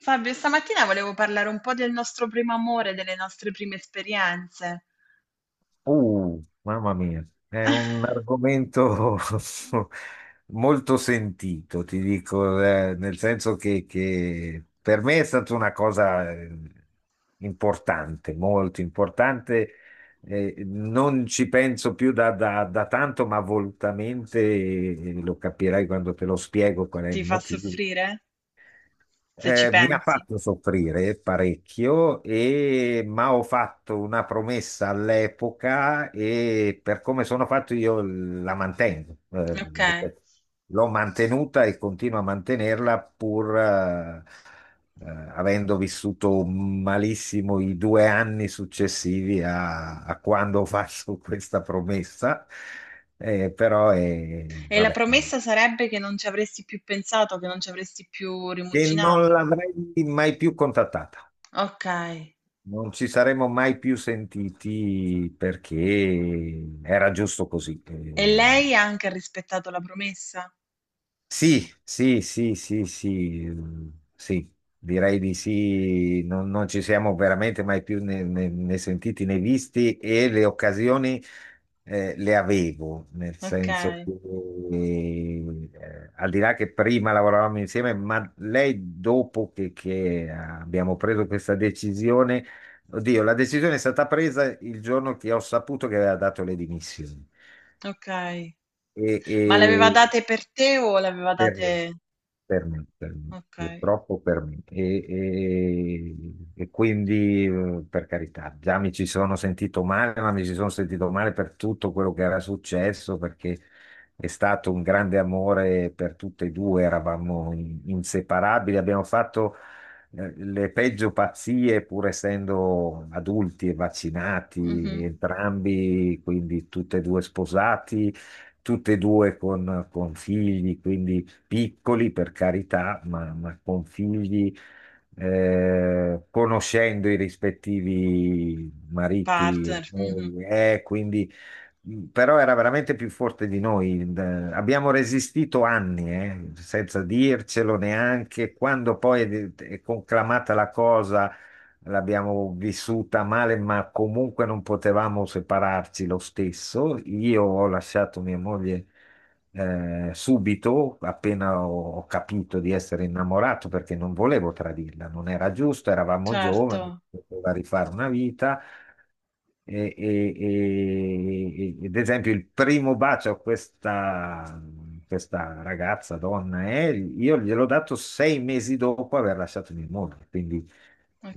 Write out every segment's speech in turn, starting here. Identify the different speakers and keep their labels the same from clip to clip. Speaker 1: Fabio, stamattina volevo parlare un po' del nostro primo amore, delle nostre prime esperienze.
Speaker 2: Mamma mia, è un argomento molto sentito, ti dico, nel senso che per me è stata una cosa importante, molto importante. Non ci penso più da tanto, ma volutamente, lo capirai quando te lo spiego qual è
Speaker 1: Ti
Speaker 2: il
Speaker 1: fa
Speaker 2: motivo.
Speaker 1: soffrire? Se ci
Speaker 2: Mi ha
Speaker 1: pensi.
Speaker 2: fatto soffrire parecchio, ma ho fatto una promessa all'epoca e per come sono fatto io la mantengo.
Speaker 1: Ok.
Speaker 2: Ripeto, l'ho mantenuta e continuo a mantenerla pur eh, avendo vissuto malissimo i 2 anni successivi a quando ho fatto questa promessa. Però,
Speaker 1: E la
Speaker 2: vabbè,
Speaker 1: promessa sarebbe che non ci avresti più pensato, che non ci avresti più
Speaker 2: che non
Speaker 1: rimuginato?
Speaker 2: l'avrei mai più contattata.
Speaker 1: Ok.
Speaker 2: Non ci saremmo mai più sentiti perché era giusto così.
Speaker 1: E lei ha anche rispettato la promessa?
Speaker 2: Sì, sì, sì, sì, sì, mm, sì, direi di sì, non ci siamo veramente mai più né sentiti né visti e le occasioni le avevo, nel
Speaker 1: Ok,
Speaker 2: senso che al di là che prima lavoravamo insieme, ma lei dopo che abbiamo preso questa decisione, oddio, la decisione è stata presa il giorno che ho saputo che aveva dato le dimissioni.
Speaker 1: ok. Ma le aveva
Speaker 2: E,
Speaker 1: date per te o le aveva
Speaker 2: per
Speaker 1: date...
Speaker 2: me, per me, per me,
Speaker 1: Ok.
Speaker 2: purtroppo per me. E quindi, per carità, già mi ci sono sentito male, ma mi ci sono sentito male per tutto quello che era successo, perché è stato un grande amore per tutte e due, eravamo inseparabili, abbiamo fatto le peggio pazzie, pur essendo adulti e
Speaker 1: Mhm.
Speaker 2: vaccinati entrambi, quindi tutte e due sposati, tutte e due con figli, quindi piccoli per carità, ma con figli, conoscendo i rispettivi mariti e
Speaker 1: Partner. Mhm.
Speaker 2: mogli, quindi però era veramente più forte di noi. Abbiamo resistito anni, senza dircelo neanche. Quando poi è conclamata la cosa, l'abbiamo vissuta male, ma comunque non potevamo separarci lo stesso. Io ho lasciato mia moglie subito, appena ho capito di essere innamorato, perché non volevo tradirla, non era giusto, eravamo giovani,
Speaker 1: Certo.
Speaker 2: poteva rifare una vita. Ed esempio, il primo bacio a questa ragazza, donna, io gliel'ho dato 6 mesi dopo aver lasciato mia moglie, quindi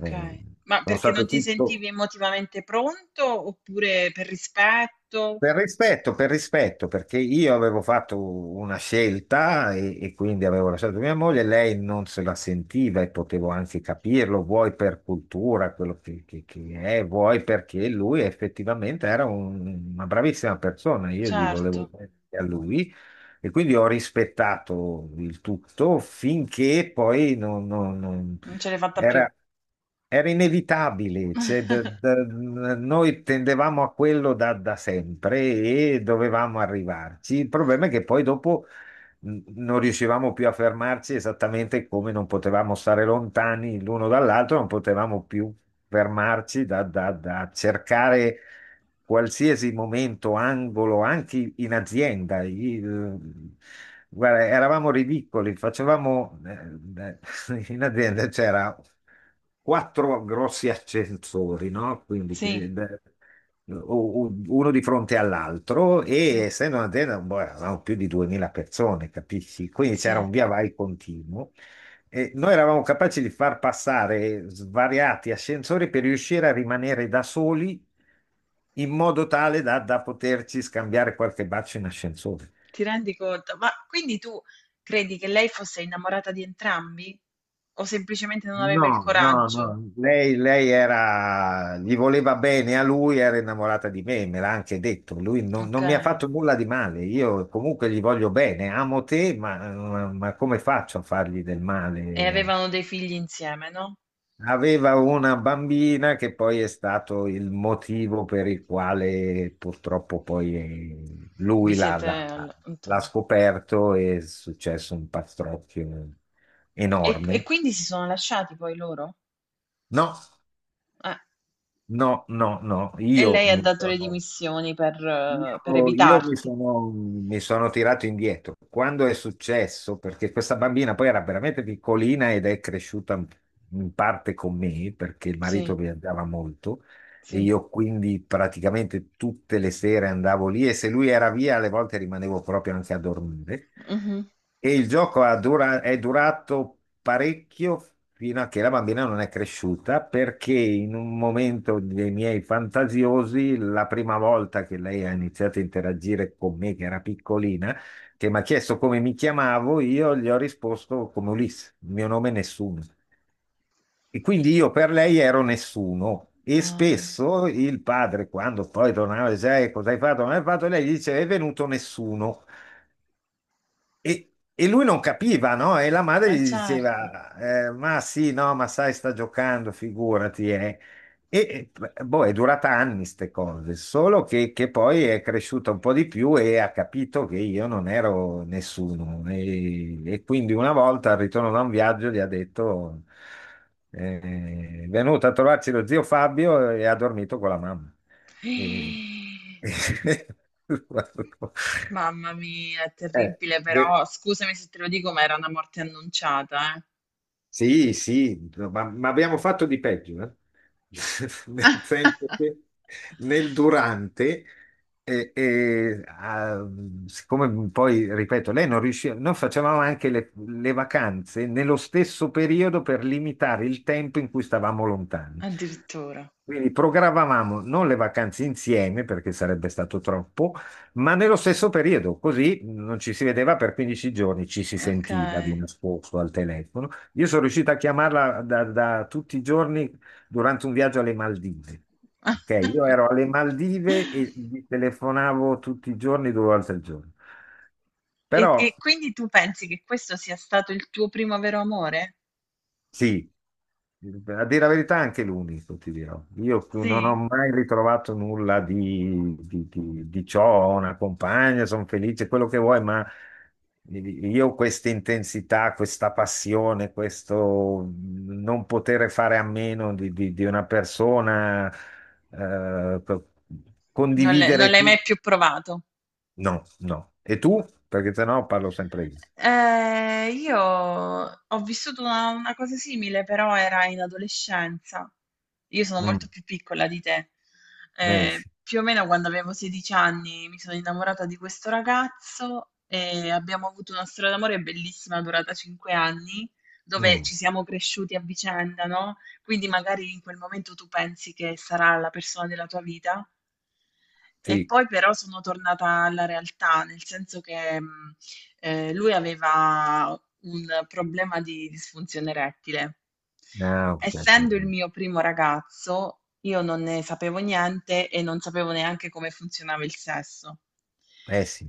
Speaker 2: eh,
Speaker 1: Ma
Speaker 2: sono
Speaker 1: perché non
Speaker 2: stato
Speaker 1: ti
Speaker 2: tutto.
Speaker 1: sentivi emotivamente pronto, oppure per rispetto?
Speaker 2: Per rispetto, perché io avevo fatto una scelta e quindi avevo lasciato mia moglie, lei non se la sentiva e potevo anche capirlo, vuoi per cultura, quello che è, vuoi perché lui effettivamente era una bravissima persona, io gli
Speaker 1: Certo,
Speaker 2: volevo bene a lui e quindi ho rispettato il tutto finché poi non
Speaker 1: non ce l'hai fatta più.
Speaker 2: era, era inevitabile, cioè, noi tendevamo a quello da sempre e dovevamo arrivarci. Il problema è che poi dopo non riuscivamo più a fermarci esattamente come non potevamo stare lontani l'uno dall'altro, non potevamo più fermarci da cercare qualsiasi momento, angolo, anche in azienda. Guarda, eravamo ridicoli, facevamo in azienda c'era quattro grossi ascensori, no? Quindi
Speaker 1: Sì,
Speaker 2: uno di fronte all'altro e
Speaker 1: sì,
Speaker 2: essendo un'azienda boh, eravamo più di 2000 persone, capisci? Quindi c'era
Speaker 1: sì,
Speaker 2: un via vai continuo. E noi eravamo capaci di far passare svariati ascensori per riuscire a rimanere da soli in modo tale da poterci scambiare qualche bacio in ascensore.
Speaker 1: ti rendi conto? Ma quindi tu credi che lei fosse innamorata di entrambi? O semplicemente non aveva il
Speaker 2: No, no,
Speaker 1: coraggio?
Speaker 2: no, lei era, gli voleva bene a lui, era innamorata di me, me l'ha anche detto, lui non mi ha
Speaker 1: Okay.
Speaker 2: fatto nulla di male, io comunque gli voglio bene, amo te, ma come faccio a fargli del
Speaker 1: E
Speaker 2: male?
Speaker 1: avevano dei figli insieme, no?
Speaker 2: Aveva una bambina che poi è stato il motivo per il quale purtroppo poi
Speaker 1: Vi
Speaker 2: lui
Speaker 1: siete
Speaker 2: l'ha
Speaker 1: allontanati.
Speaker 2: scoperto e è successo un pastrocchio
Speaker 1: E
Speaker 2: enorme.
Speaker 1: quindi si sono lasciati poi loro?
Speaker 2: No,
Speaker 1: Eh.
Speaker 2: no, no, no,
Speaker 1: E lei ha dato le dimissioni per
Speaker 2: io
Speaker 1: evitarti.
Speaker 2: mi sono tirato indietro. Quando è successo, perché questa bambina poi era veramente piccolina ed è cresciuta in parte con me, perché il
Speaker 1: Sì,
Speaker 2: marito viaggiava molto, e
Speaker 1: sì.
Speaker 2: io quindi praticamente tutte le sere andavo lì e se lui era via, alle volte rimanevo proprio anche a dormire.
Speaker 1: Mh-mh.
Speaker 2: E il gioco è durato parecchio fino a che la bambina non è cresciuta, perché in un momento dei miei fantasiosi, la prima volta che lei ha iniziato a interagire con me, che era piccolina, che mi ha chiesto come mi chiamavo, io gli ho risposto come Ulisse: il mio nome è nessuno. E quindi io per lei ero nessuno e
Speaker 1: Ah.
Speaker 2: spesso il padre, quando poi tornava, diceva, cosa hai fatto? Non hai fatto?" Lei gli diceva, è venuto nessuno. E lui non capiva, no? E la madre
Speaker 1: Eh,
Speaker 2: gli
Speaker 1: certo.
Speaker 2: diceva, "Eh, ma sì, no, ma sai, sta giocando, figurati, eh." E, boh, è durata anni queste cose, solo che poi è cresciuta un po' di più e ha capito che io non ero nessuno. E quindi una volta al ritorno da un viaggio gli ha detto, è venuto a trovarci lo zio Fabio e ha dormito con la mamma. E-
Speaker 1: Mamma mia, è
Speaker 2: Eh,
Speaker 1: terribile,
Speaker 2: de-
Speaker 1: però scusami se te lo dico, ma era una morte annunciata, eh.
Speaker 2: Sì, sì, no, ma abbiamo fatto di peggio, eh. Nel senso che nel durante, eh, eh, ah, siccome poi, ripeto, lei non riusciva, noi facevamo anche le vacanze nello stesso periodo per limitare il tempo in cui stavamo lontani.
Speaker 1: Addirittura.
Speaker 2: Quindi programmavamo non le vacanze insieme perché sarebbe stato troppo, ma nello stesso periodo, così non ci si vedeva per 15 giorni, ci si sentiva di
Speaker 1: Okay.
Speaker 2: nascosto al telefono. Io sono riuscito a chiamarla da tutti i giorni durante un viaggio alle Maldive. Ok, io ero alle Maldive e gli telefonavo tutti i giorni, due volte al giorno.
Speaker 1: E
Speaker 2: Però
Speaker 1: e quindi tu pensi che questo sia stato il tuo primo vero amore?
Speaker 2: Sì, a dire la verità anche l'unico, ti dirò. Io non ho
Speaker 1: Sì?
Speaker 2: mai ritrovato nulla di ciò, ho una compagna, sono felice, quello che vuoi, ma io questa intensità, questa passione, questo non poter fare a meno di una persona, eh, co-
Speaker 1: Non l'hai non
Speaker 2: condividere
Speaker 1: l'hai mai
Speaker 2: tutto,
Speaker 1: più provato?
Speaker 2: no, no. E tu? Perché sennò parlo sempre io.
Speaker 1: Io ho vissuto una cosa simile, però era in adolescenza. Io sono
Speaker 2: Mm,
Speaker 1: molto più piccola di te.
Speaker 2: eh sì.
Speaker 1: Più o meno quando avevo 16 anni mi sono innamorata di questo ragazzo e abbiamo avuto una storia d'amore bellissima durata 5 anni, dove
Speaker 2: Mm,
Speaker 1: ci siamo cresciuti a vicenda, no? Quindi magari in quel momento tu pensi che sarà la persona della tua vita. E
Speaker 2: sì.
Speaker 1: poi però sono tornata alla realtà, nel senso che lui aveva un problema di disfunzione erettile.
Speaker 2: Ah, ok.
Speaker 1: Essendo il mio primo ragazzo, io non ne sapevo niente e non sapevo neanche come funzionava il sesso.
Speaker 2: Eh sì,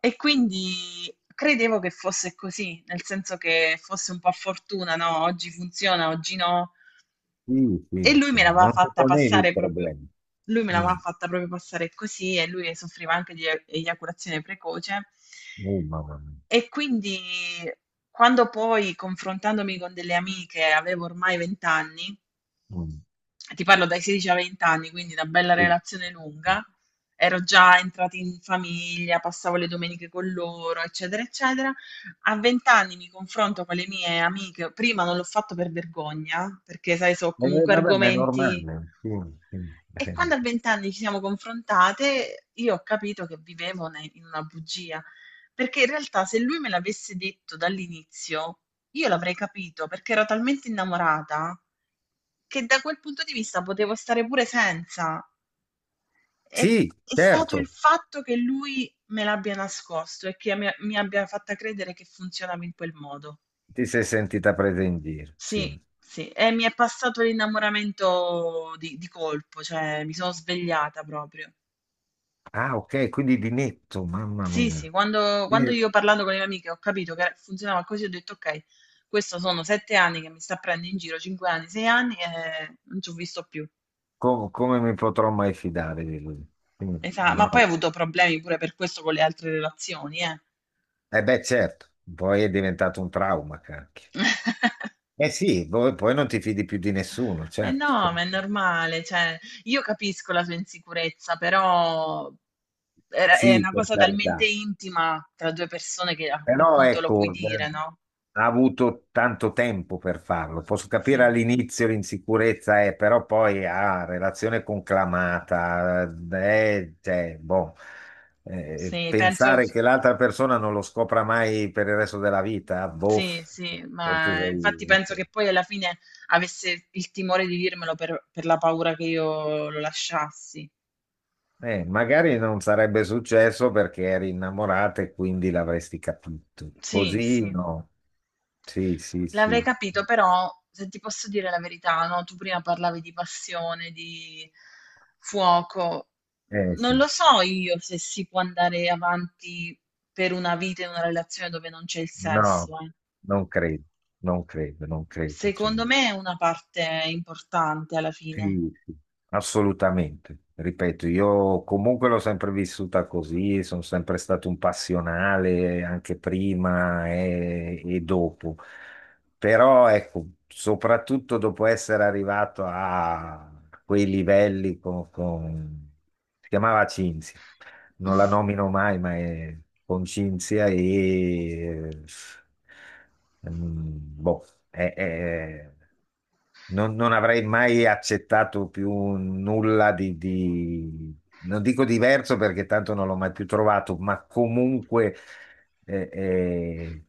Speaker 1: E quindi credevo che fosse così, nel senso che fosse un po' a fortuna, no? Oggi funziona, oggi no.
Speaker 2: sì,
Speaker 1: E
Speaker 2: sì, cioè, non ti ponevi il problema.
Speaker 1: lui me
Speaker 2: Mm,
Speaker 1: l'aveva fatta proprio passare così e lui soffriva anche di eiaculazione precoce.
Speaker 2: oh, mamma mia.
Speaker 1: E quindi quando poi, confrontandomi con delle amiche, avevo ormai 20 anni,
Speaker 2: Mm,
Speaker 1: ti parlo dai 16 ai 20 anni, quindi una bella
Speaker 2: sì.
Speaker 1: relazione lunga, ero già entrata in famiglia, passavo le domeniche con loro, eccetera, eccetera. A 20 anni mi confronto con le mie amiche, prima non l'ho fatto per vergogna, perché sai, so comunque
Speaker 2: Vabbè, ma è
Speaker 1: argomenti,
Speaker 2: normale. Sì, sì.
Speaker 1: e quando a 20 anni ci siamo confrontate, io ho capito che vivevo in una bugia, perché in realtà se lui me l'avesse detto dall'inizio, io l'avrei capito, perché ero talmente innamorata che da quel punto di vista potevo stare pure senza. E
Speaker 2: Sì,
Speaker 1: è stato il
Speaker 2: certo,
Speaker 1: fatto che lui me l'abbia nascosto e che mi abbia fatta credere che funzionava in quel modo.
Speaker 2: ti sei sentita presa in giro. Sì.
Speaker 1: Sì, sì, e mi è passato l'innamoramento di colpo, cioè mi sono svegliata proprio.
Speaker 2: Ah, ok, quindi di netto, mamma
Speaker 1: Sì, sì,
Speaker 2: mia.
Speaker 1: quando,
Speaker 2: Sì,
Speaker 1: quando io parlando con le mie amiche ho capito che funzionava così, ho detto ok, questo sono 7 anni che mi sta prendendo in giro, 5 anni, 6 anni, e non ci ho visto più.
Speaker 2: come mi potrò mai fidare di lui? Mm,
Speaker 1: Ma
Speaker 2: no.
Speaker 1: poi ho avuto problemi pure per questo con le altre relazioni, eh.
Speaker 2: Eh beh, certo, poi è diventato un trauma, cacchio. Eh sì, poi non ti fidi più di nessuno,
Speaker 1: Eh
Speaker 2: certo.
Speaker 1: no,
Speaker 2: Certo.
Speaker 1: ma è normale, cioè, io capisco la sua insicurezza, però è
Speaker 2: Sì,
Speaker 1: una
Speaker 2: per
Speaker 1: cosa talmente
Speaker 2: carità.
Speaker 1: intima tra due persone che a quel
Speaker 2: Però
Speaker 1: punto lo puoi
Speaker 2: ecco,
Speaker 1: dire, no?
Speaker 2: ha avuto tanto tempo per farlo. Posso capire
Speaker 1: Sì,
Speaker 2: all'inizio l'insicurezza, però poi ha relazione conclamata. Cioè, boh,
Speaker 1: sì, penso
Speaker 2: pensare che l'altra persona non lo scopra mai per il resto della vita, boh,
Speaker 1: Sì, sì,
Speaker 2: forse
Speaker 1: ma infatti
Speaker 2: sei...
Speaker 1: penso che poi alla fine avesse il timore di dirmelo per la paura che io lo lasciassi.
Speaker 2: Magari non sarebbe successo perché eri innamorata e quindi l'avresti capito.
Speaker 1: Sì,
Speaker 2: Così
Speaker 1: sì,
Speaker 2: no. Sì, sì,
Speaker 1: l'avrei
Speaker 2: sì.
Speaker 1: capito, però se ti posso dire la verità, no? Tu prima parlavi di passione, di fuoco. Non
Speaker 2: Sì.
Speaker 1: lo so io se si può andare avanti per una vita in una relazione dove non c'è il
Speaker 2: No,
Speaker 1: sesso, eh.
Speaker 2: non credo, non credo, non credo. Cioè,
Speaker 1: Secondo me è una parte importante alla fine.
Speaker 2: sì, sì, assolutamente. Ripeto, io comunque l'ho sempre vissuta così, sono sempre stato un passionale anche prima e dopo. Però ecco, soprattutto dopo essere arrivato a quei livelli con... Si chiamava Cinzia, non la nomino mai, ma è con Cinzia e... eh, mm, boh, è- è- non avrei mai accettato più nulla non dico diverso perché tanto non l'ho mai più trovato, ma comunque eh, eh,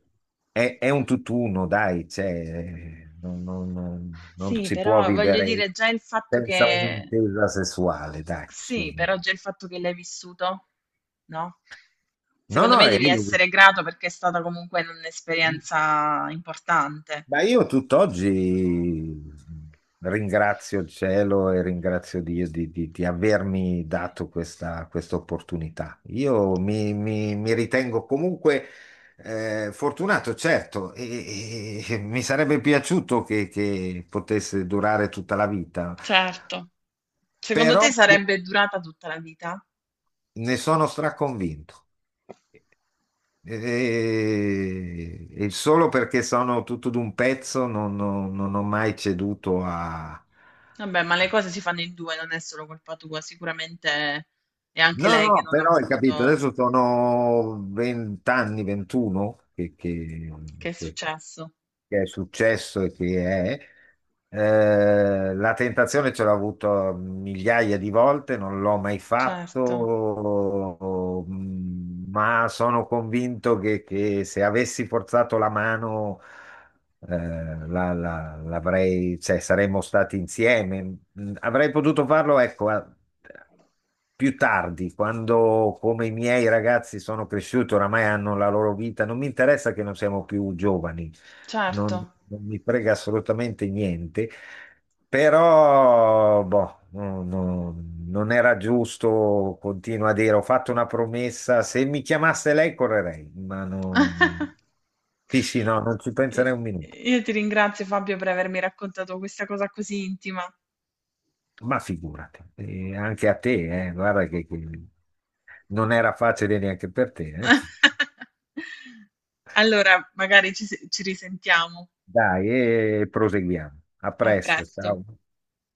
Speaker 2: è un tutt'uno, dai, cioè, non
Speaker 1: Sì,
Speaker 2: si può
Speaker 1: però voglio
Speaker 2: vivere
Speaker 1: dire già il fatto
Speaker 2: senza
Speaker 1: che...
Speaker 2: un'intesa sessuale, dai.
Speaker 1: Sì, però già il fatto che l'hai vissuto, no?
Speaker 2: No,
Speaker 1: Secondo
Speaker 2: no,
Speaker 1: me devi essere grato perché è stata comunque un'esperienza importante.
Speaker 2: ma io tutt'oggi ringrazio il cielo e ringrazio Dio di avermi dato questa opportunità. Io mi ritengo comunque fortunato, certo, e mi sarebbe piaciuto che potesse durare tutta la vita,
Speaker 1: Certo. Secondo
Speaker 2: però
Speaker 1: te sarebbe durata tutta la vita?
Speaker 2: ne sono straconvinto. E solo perché sono tutto d'un pezzo non ho mai ceduto a...
Speaker 1: Vabbè, ma le cose si fanno in due, non è solo colpa tua, sicuramente è anche
Speaker 2: No,
Speaker 1: lei che
Speaker 2: no,
Speaker 1: non ha
Speaker 2: però hai capito,
Speaker 1: voluto,
Speaker 2: adesso sono 20 anni, 21
Speaker 1: che è
Speaker 2: che-
Speaker 1: successo.
Speaker 2: che è successo e che è. La tentazione ce l'ho avuto migliaia di volte, non l'ho mai
Speaker 1: Certo,
Speaker 2: fatto, ma sono convinto che se avessi forzato la mano, l'avrei, cioè, saremmo stati insieme. Mm, avrei potuto farlo, ecco, più tardi, quando come i miei ragazzi sono cresciuti, oramai hanno la loro vita, non mi interessa che non siamo più giovani, non,
Speaker 1: certo.
Speaker 2: non mi frega assolutamente niente, però boh, non era giusto, continuo a dire, ho fatto una promessa, se mi chiamasse lei correrei, ma non... Sì, sì, no, non ci
Speaker 1: I
Speaker 2: penserei un minuto.
Speaker 1: io ti ringrazio, Fabio, per avermi raccontato questa cosa così intima.
Speaker 2: Ma figurati, anche a te, guarda che non era facile neanche per te, eh.
Speaker 1: Allora, magari ci se ci risentiamo.
Speaker 2: Dai, e proseguiamo. A
Speaker 1: A
Speaker 2: presto,
Speaker 1: presto.
Speaker 2: ciao.